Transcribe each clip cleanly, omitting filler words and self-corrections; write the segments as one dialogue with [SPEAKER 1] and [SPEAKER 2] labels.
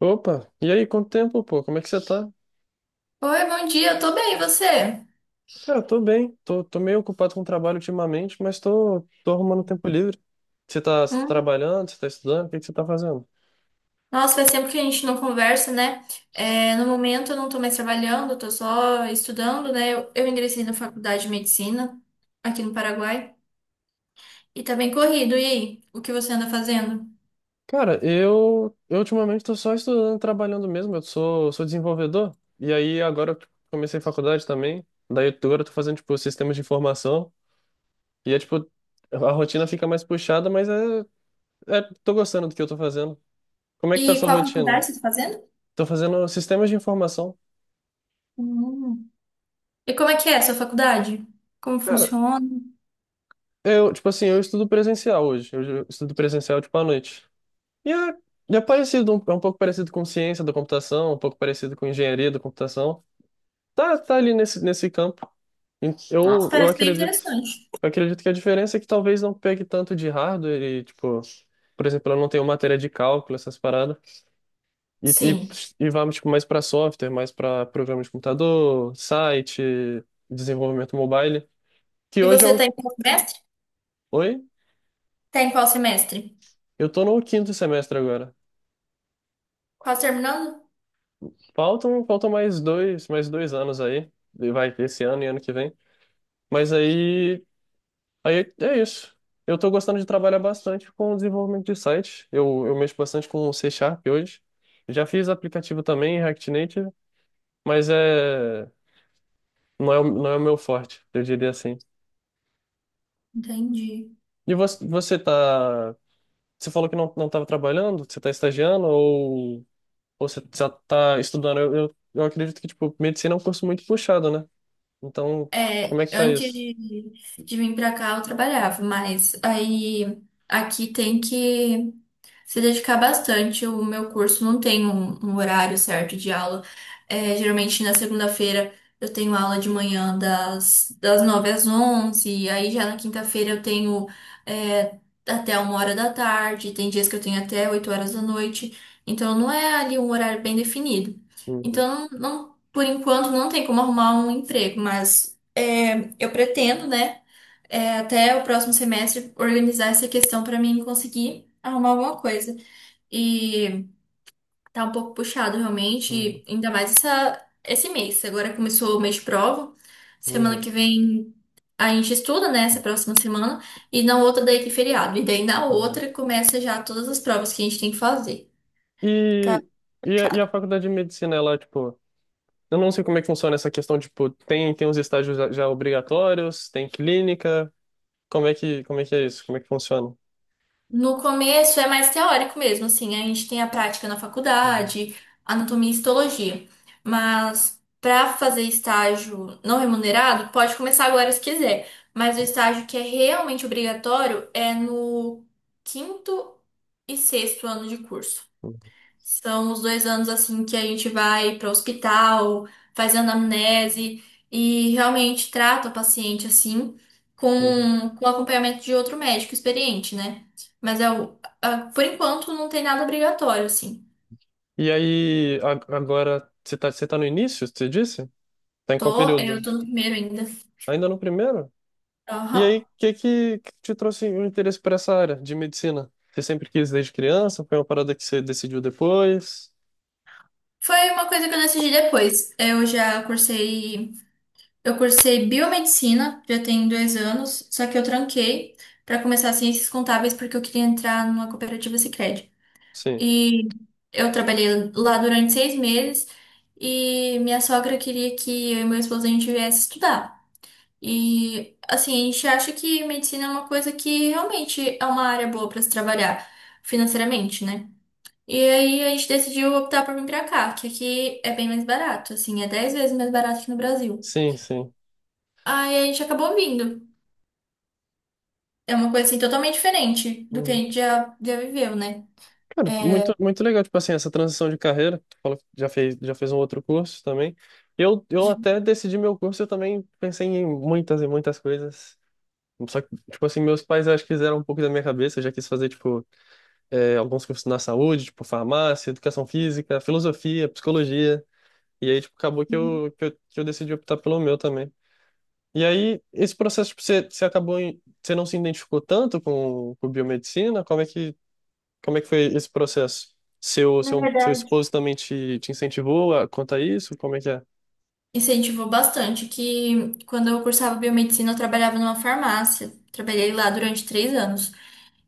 [SPEAKER 1] Opa, e aí, quanto tempo, pô? Como é que você tá?
[SPEAKER 2] Oi, bom dia, eu tô bem, e você?
[SPEAKER 1] Cara, tô bem, tô meio ocupado com o trabalho ultimamente, mas tô arrumando tempo livre. Você tá
[SPEAKER 2] Hum,
[SPEAKER 1] trabalhando, você tá estudando, o que que você tá fazendo?
[SPEAKER 2] Nossa, faz tempo que a gente não conversa, né? É, no momento eu não tô mais trabalhando, eu tô só estudando, né? Eu ingressei na faculdade de medicina aqui no Paraguai e tá bem corrido. E aí, o que você anda fazendo?
[SPEAKER 1] Cara, eu ultimamente tô só estudando, e trabalhando mesmo, eu sou desenvolvedor, e aí agora eu comecei faculdade também, agora eu tô fazendo, tipo, sistemas de informação, e é tipo, a rotina fica mais puxada, mas tô gostando do que eu tô fazendo. Como é que tá a
[SPEAKER 2] E
[SPEAKER 1] sua
[SPEAKER 2] qual
[SPEAKER 1] rotina?
[SPEAKER 2] faculdade você tá fazendo?
[SPEAKER 1] Tô fazendo sistemas de informação.
[SPEAKER 2] Hum. E como é que é a sua faculdade? Como
[SPEAKER 1] Cara,
[SPEAKER 2] funciona?
[SPEAKER 1] Tipo assim, eu estudo presencial hoje. Estudo presencial, tipo, à noite. E é, e é parecido, é um pouco parecido com ciência da computação, um pouco parecido com engenharia da computação. Tá ali nesse campo. E
[SPEAKER 2] Nossa,
[SPEAKER 1] Eu, eu
[SPEAKER 2] parece bem
[SPEAKER 1] acredito.
[SPEAKER 2] interessante.
[SPEAKER 1] Eu acredito que a diferença é que talvez não pegue tanto de hardware e, tipo, por exemplo, eu não tenho matéria de cálculo, essas paradas. E,
[SPEAKER 2] Sim.
[SPEAKER 1] e, e vamos, tipo, mais para software, mais para programa de computador, site, desenvolvimento mobile. Que
[SPEAKER 2] E
[SPEAKER 1] hoje é
[SPEAKER 2] você tá
[SPEAKER 1] o.
[SPEAKER 2] em qual semestre?
[SPEAKER 1] Oi?
[SPEAKER 2] Tá em qual semestre?
[SPEAKER 1] Eu tô no quinto semestre agora.
[SPEAKER 2] Quase terminando?
[SPEAKER 1] Faltam mais dois anos aí. E vai, esse ano e ano que vem. Mas aí é isso. Eu tô gostando de trabalhar bastante com o desenvolvimento de site. Eu mexo bastante com C Sharp hoje. Já fiz aplicativo também em React Native, mas não é o meu forte, eu diria assim.
[SPEAKER 2] Entendi.
[SPEAKER 1] E você falou que não estava trabalhando, você tá estagiando ou você já tá estudando? Eu acredito que, tipo, medicina é um curso muito puxado, né? Então, como
[SPEAKER 2] É,
[SPEAKER 1] é que tá
[SPEAKER 2] antes
[SPEAKER 1] isso?
[SPEAKER 2] de, de vir pra cá eu trabalhava, mas aí aqui tem que se dedicar bastante. O meu curso não tem um horário certo de aula. É, geralmente na segunda-feira eu tenho aula de manhã das 9 às 11. E aí já na quinta-feira eu tenho é, até uma hora da tarde, tem dias que eu tenho até 8 horas da noite. Então não é ali um horário bem definido.
[SPEAKER 1] Hum.
[SPEAKER 2] Então, não, por enquanto não tem como arrumar um emprego, mas é, eu pretendo, né? É, até o próximo semestre organizar essa questão para mim conseguir arrumar alguma coisa. E tá um pouco puxado realmente,
[SPEAKER 1] Uhum,
[SPEAKER 2] e ainda mais esse mês. Agora começou o mês de prova. Semana
[SPEAKER 1] uhum,
[SPEAKER 2] que vem a gente estuda, né? Essa próxima semana. E na outra daí tem feriado. E daí na
[SPEAKER 1] uhum.
[SPEAKER 2] outra começa já todas as provas que a gente tem que fazer. Tá
[SPEAKER 1] E, e a
[SPEAKER 2] puxado.
[SPEAKER 1] faculdade de medicina, ela, tipo, eu não sei como é que funciona essa questão, tipo, tem os estágios já obrigatórios, tem clínica, como é que é isso? Como é que funciona?
[SPEAKER 2] No começo é mais teórico mesmo, assim, a gente tem a prática na
[SPEAKER 1] Uhum,
[SPEAKER 2] faculdade, anatomia e histologia. Mas para fazer estágio não remunerado, pode começar agora se quiser. Mas o estágio que é realmente obrigatório é no quinto e sexto ano de curso.
[SPEAKER 1] uhum,
[SPEAKER 2] São os dois anos assim que a gente vai para o hospital, faz anamnese e realmente trata o paciente assim,
[SPEAKER 1] uhum.
[SPEAKER 2] com acompanhamento de outro médico experiente, né? Mas por enquanto não tem nada obrigatório, assim.
[SPEAKER 1] E aí, agora, você tá no início, você disse? Tá em qual período?
[SPEAKER 2] Eu tô no primeiro ainda.
[SPEAKER 1] Ainda no primeiro? E
[SPEAKER 2] Aham.
[SPEAKER 1] aí, que te trouxe o interesse por essa área de medicina? Você sempre quis desde criança? Foi uma parada que você decidiu depois?
[SPEAKER 2] Foi uma coisa que eu decidi depois. Eu cursei biomedicina, já tem dois anos, só que eu tranquei para começar ciências contábeis porque eu queria entrar numa cooperativa Sicredi.
[SPEAKER 1] Sim,
[SPEAKER 2] E eu trabalhei lá durante seis meses e minha sogra queria que eu e meu esposo a gente viesse estudar. E assim, a gente acha que medicina é uma coisa que realmente é uma área boa para se trabalhar financeiramente, né? E aí a gente decidiu optar por vir pra cá, que aqui é bem mais barato, assim, é 10 vezes mais barato que no Brasil.
[SPEAKER 1] sim, sim.
[SPEAKER 2] Aí a gente acabou vindo. É uma coisa assim totalmente diferente do que a gente já viveu, né?
[SPEAKER 1] Cara,
[SPEAKER 2] É,
[SPEAKER 1] muito, muito legal, tipo assim, essa transição de carreira. Tu falou que já fez um outro curso também. Eu
[SPEAKER 2] já-
[SPEAKER 1] até decidi meu curso, eu também pensei em muitas e muitas coisas. Só que, tipo assim, meus pais acho que fizeram um pouco da minha cabeça. Eu já quis fazer, tipo, alguns cursos na saúde, tipo, farmácia, educação física, filosofia, psicologia. E aí, tipo, acabou que eu decidi optar pelo meu também. E aí, esse processo, tipo, você não se identificou tanto com biomedicina? Como é que foi esse processo? Seu,
[SPEAKER 2] Na
[SPEAKER 1] seu, seu
[SPEAKER 2] verdade,
[SPEAKER 1] esposo também te incentivou a contar isso? Como é que é?
[SPEAKER 2] incentivou bastante, que quando eu cursava biomedicina, eu trabalhava numa farmácia. Trabalhei lá durante três anos.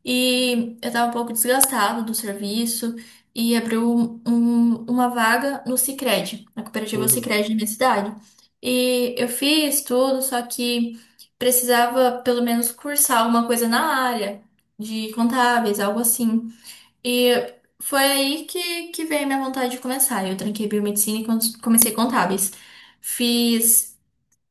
[SPEAKER 2] E eu estava um pouco desgastada do serviço e uma vaga no Sicredi, na cooperativa
[SPEAKER 1] Uhum,
[SPEAKER 2] Sicredi da minha cidade. E eu fiz tudo, só que precisava pelo menos cursar alguma coisa na área de contábeis, algo assim. E foi aí que veio a minha vontade de começar. Eu tranquei biomedicina e comecei contábeis. Fiz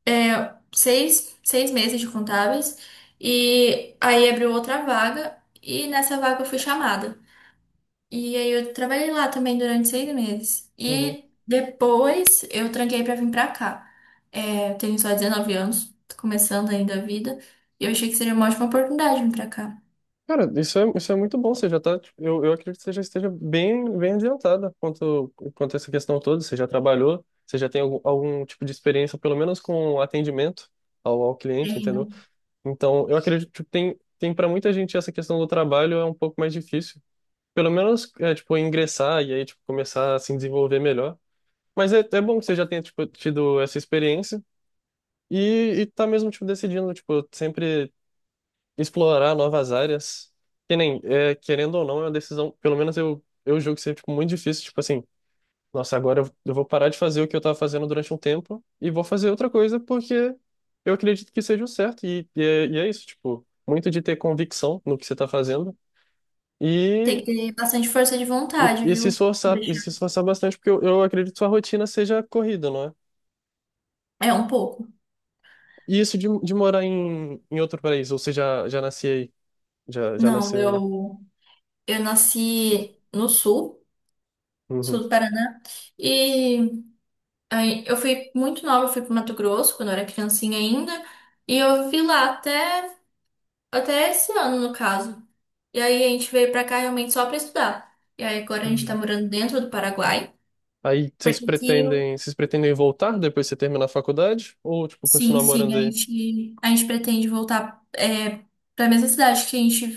[SPEAKER 2] seis meses de contábeis e aí abriu outra vaga e nessa vaga eu fui chamada. E aí eu trabalhei lá também durante seis meses.
[SPEAKER 1] uhum.
[SPEAKER 2] E depois eu tranquei pra vir pra cá. É, eu tenho só 19 anos, tô começando ainda a vida. E eu achei que seria uma ótima oportunidade vir pra cá.
[SPEAKER 1] Cara, isso é muito bom. Você já tá, tipo, eu acredito que você já esteja bem, bem adiantada quanto a essa questão toda. Você já trabalhou, você já tem algum tipo de experiência, pelo menos com atendimento ao cliente,
[SPEAKER 2] Tem,
[SPEAKER 1] entendeu? Então, eu acredito que tem para muita gente essa questão do trabalho é um pouco mais difícil. Pelo menos, tipo, ingressar e aí, tipo, começar a se desenvolver melhor. Mas é bom que você já tenha, tipo, tido essa experiência e tá mesmo, tipo, decidindo, tipo, sempre explorar novas áreas. Que nem, querendo ou não, é uma decisão, pelo menos eu julgo ser, tipo, muito difícil, tipo assim, nossa, agora eu vou parar de fazer o que eu tava fazendo durante um tempo e vou fazer outra coisa porque eu acredito que seja o certo e é isso, tipo, muito de ter convicção no que você tá fazendo. E
[SPEAKER 2] tem que ter bastante força de
[SPEAKER 1] E,
[SPEAKER 2] vontade,
[SPEAKER 1] e se
[SPEAKER 2] viu?
[SPEAKER 1] esforçar, e se esforçar bastante, porque eu acredito que sua rotina seja corrida, não é?
[SPEAKER 2] É um pouco.
[SPEAKER 1] E isso de morar em outro país, ou você já nasci aí? Já
[SPEAKER 2] Não,
[SPEAKER 1] nasceu aí?
[SPEAKER 2] eu nasci no sul,
[SPEAKER 1] Uhum.
[SPEAKER 2] sul do Paraná, e aí eu fui muito nova, eu fui pro Mato Grosso quando eu era criancinha ainda, e eu fui lá até até esse ano no caso. E aí a gente veio pra cá realmente só pra estudar. E aí agora a gente tá
[SPEAKER 1] Uhum.
[SPEAKER 2] morando dentro do Paraguai,
[SPEAKER 1] Aí vocês
[SPEAKER 2] porque aqui,
[SPEAKER 1] pretendem, vocês pretendem voltar depois que você terminar a faculdade? Ou, tipo,
[SPEAKER 2] sim,
[SPEAKER 1] continuar
[SPEAKER 2] sim,
[SPEAKER 1] morando aí?
[SPEAKER 2] a gente pretende voltar é, para mesma cidade que a gente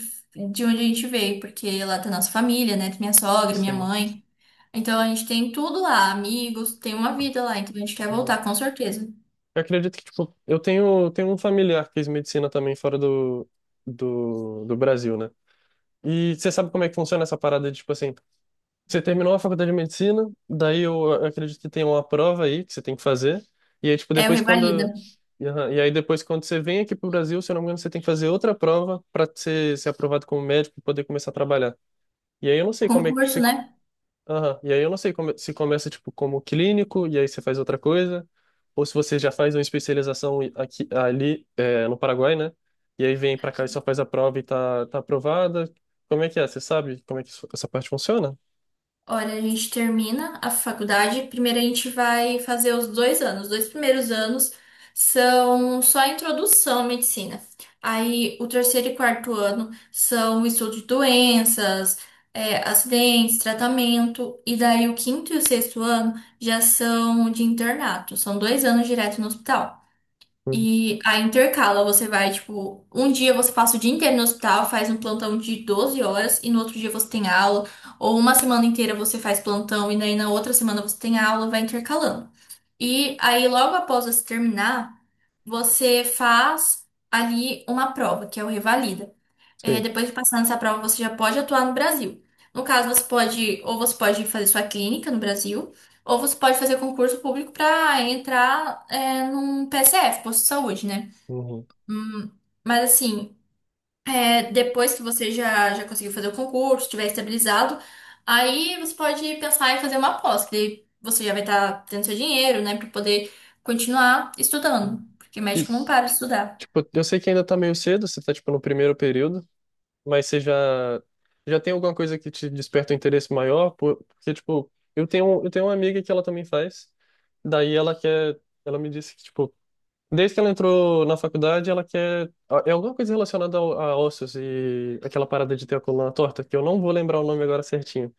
[SPEAKER 2] de onde a gente veio, porque lá tá nossa família, né? Tem minha sogra, minha
[SPEAKER 1] Sim.
[SPEAKER 2] mãe. Então a gente tem tudo lá, amigos, tem uma vida lá, então a gente quer
[SPEAKER 1] Uhum.
[SPEAKER 2] voltar, com certeza.
[SPEAKER 1] Eu acredito que, tipo, eu tenho um familiar que fez medicina também fora do Brasil, né? E você sabe como é que funciona essa parada de, tipo assim, você terminou a faculdade de medicina, daí eu acredito que tem uma prova aí que você tem que fazer. E aí, tipo,
[SPEAKER 2] É o
[SPEAKER 1] depois
[SPEAKER 2] Revalida.
[SPEAKER 1] quando. E aham, e aí depois quando você vem aqui pro Brasil, se eu não me engano, você tem que fazer outra prova para ser aprovado como médico e poder começar a trabalhar. E aí eu não sei como é que
[SPEAKER 2] Concurso,
[SPEAKER 1] se.
[SPEAKER 2] né?
[SPEAKER 1] Aham, e aí eu não sei como, se começa, tipo, como clínico, e aí você faz outra coisa, ou se você já faz uma especialização aqui, ali, no Paraguai, né? E aí vem pra cá e só faz a prova e tá aprovada. Como é que é? Você sabe como é que essa parte funciona?
[SPEAKER 2] Olha, a gente termina a faculdade. Primeiro a gente vai fazer os dois anos. Os dois primeiros anos são só a introdução à medicina. Aí o terceiro e quarto ano são o estudo de doenças, é, acidentes, tratamento. E daí o quinto e o sexto ano já são de internato. São dois anos direto no hospital.
[SPEAKER 1] Hum,
[SPEAKER 2] E aí intercala, você vai, tipo, um dia você passa o dia inteiro no hospital, faz um plantão de 12 horas e no outro dia você tem aula, ou uma semana inteira você faz plantão e daí na outra semana você tem aula, vai intercalando. E aí logo após você terminar, você faz ali uma prova, que é o revalida. É,
[SPEAKER 1] Sim.
[SPEAKER 2] depois de passar nessa prova, você já pode atuar no Brasil. No caso, você pode, ou você pode fazer sua clínica no Brasil, ou você pode fazer concurso público para entrar, é, num PSF, posto de saúde, né?
[SPEAKER 1] Uhum.
[SPEAKER 2] Hum, mas assim, é, depois que você já conseguiu fazer o concurso, estiver estabilizado, aí você pode pensar em fazer uma pós, que daí você já vai estar tendo seu dinheiro, né, para poder continuar estudando, porque
[SPEAKER 1] E,
[SPEAKER 2] médico não para de estudar.
[SPEAKER 1] tipo, eu sei que ainda tá meio cedo, você tá, tipo, no primeiro período, mas você já tem alguma coisa que te desperta um interesse maior? Porque, tipo, eu tenho uma amiga que ela também faz, daí ela quer, ela me disse que, tipo, desde que ela entrou na faculdade, ela quer, é alguma coisa relacionada a ossos e aquela parada de ter a coluna torta, que eu não vou lembrar o nome agora certinho.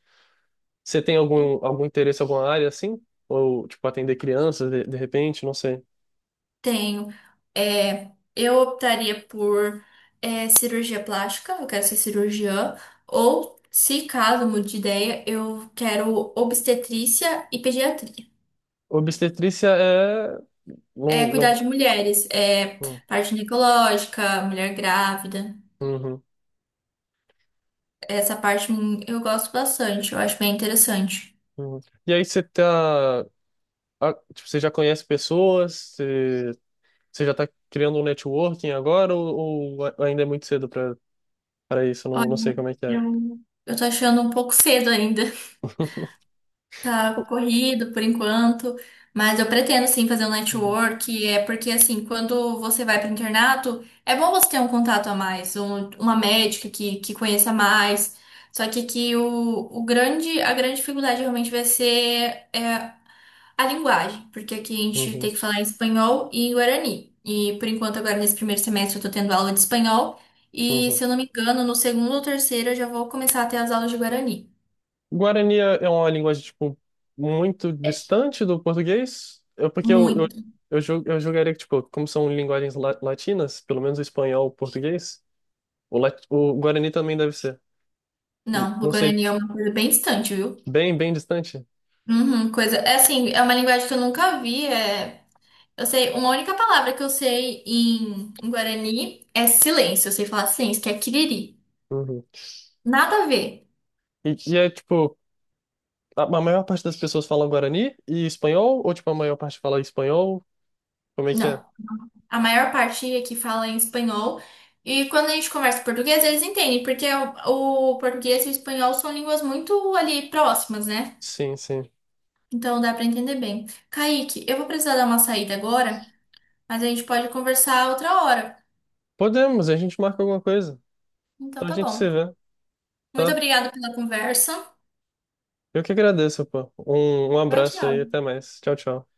[SPEAKER 1] Você tem algum interesse, alguma área, assim? Ou, tipo, atender crianças, de repente, não sei.
[SPEAKER 2] Tenho. É, eu optaria por cirurgia plástica, eu quero ser cirurgiã, ou, se caso mude de ideia, eu quero obstetrícia e pediatria.
[SPEAKER 1] Obstetrícia é? Não,
[SPEAKER 2] É, cuidar
[SPEAKER 1] não.
[SPEAKER 2] de mulheres, é,
[SPEAKER 1] Hum.
[SPEAKER 2] parte ginecológica, mulher grávida,
[SPEAKER 1] Uhum,
[SPEAKER 2] essa parte eu gosto bastante, eu acho bem interessante.
[SPEAKER 1] uhum. E aí você tá, ah, tipo, você já conhece pessoas, você, você já tá criando um networking agora ou ainda é muito cedo para isso? Eu Não,
[SPEAKER 2] Olha,
[SPEAKER 1] não sei como é que é.
[SPEAKER 2] eu, eu tô achando um pouco cedo ainda. Tá corrido por enquanto, mas eu pretendo sim fazer um
[SPEAKER 1] Uhum,
[SPEAKER 2] network, é porque assim, quando você vai para o internato, é bom você ter um contato a mais, uma médica que conheça mais. Só que o grande, a grande dificuldade realmente vai ser é, a linguagem, porque aqui a gente
[SPEAKER 1] uhum,
[SPEAKER 2] tem que falar em espanhol e em guarani. E por enquanto, agora nesse primeiro semestre, eu tô tendo aula de espanhol, e
[SPEAKER 1] uhum.
[SPEAKER 2] se eu não me engano, no segundo ou terceiro eu já vou começar a ter as aulas de guarani.
[SPEAKER 1] Guarani é uma linguagem tipo muito distante do português? Porque
[SPEAKER 2] Muito
[SPEAKER 1] eu julgaria que tipo, como são linguagens latinas, pelo menos o espanhol, o português, o Guarani também deve ser.
[SPEAKER 2] não, o
[SPEAKER 1] Não sei,
[SPEAKER 2] Guarani é uma coisa bem distante, viu?
[SPEAKER 1] bem bem distante.
[SPEAKER 2] Uhum, coisa. É assim, é uma linguagem que eu nunca vi. É... eu sei, uma única palavra que eu sei em, em Guarani é silêncio. Eu sei falar silêncio, que é kiriri.
[SPEAKER 1] Uhum.
[SPEAKER 2] Nada a ver.
[SPEAKER 1] E é tipo a maior parte das pessoas fala Guarani e espanhol? Ou, tipo, a maior parte fala espanhol? Como é que é?
[SPEAKER 2] Não. A maior parte aqui fala em espanhol. E quando a gente conversa em português, eles entendem, porque é o português e o espanhol são línguas muito ali próximas, né?
[SPEAKER 1] Sim, sim.
[SPEAKER 2] Então dá pra entender bem. Kaique, eu vou precisar dar uma saída agora, mas a gente pode conversar outra hora.
[SPEAKER 1] Podemos, a gente marca alguma coisa.
[SPEAKER 2] Então
[SPEAKER 1] Então a
[SPEAKER 2] tá
[SPEAKER 1] gente
[SPEAKER 2] bom.
[SPEAKER 1] se vê,
[SPEAKER 2] Muito
[SPEAKER 1] tá?
[SPEAKER 2] obrigada pela conversa.
[SPEAKER 1] Eu que agradeço, pô. Um
[SPEAKER 2] Tchau,
[SPEAKER 1] abraço
[SPEAKER 2] tchau.
[SPEAKER 1] aí, até mais. Tchau, tchau.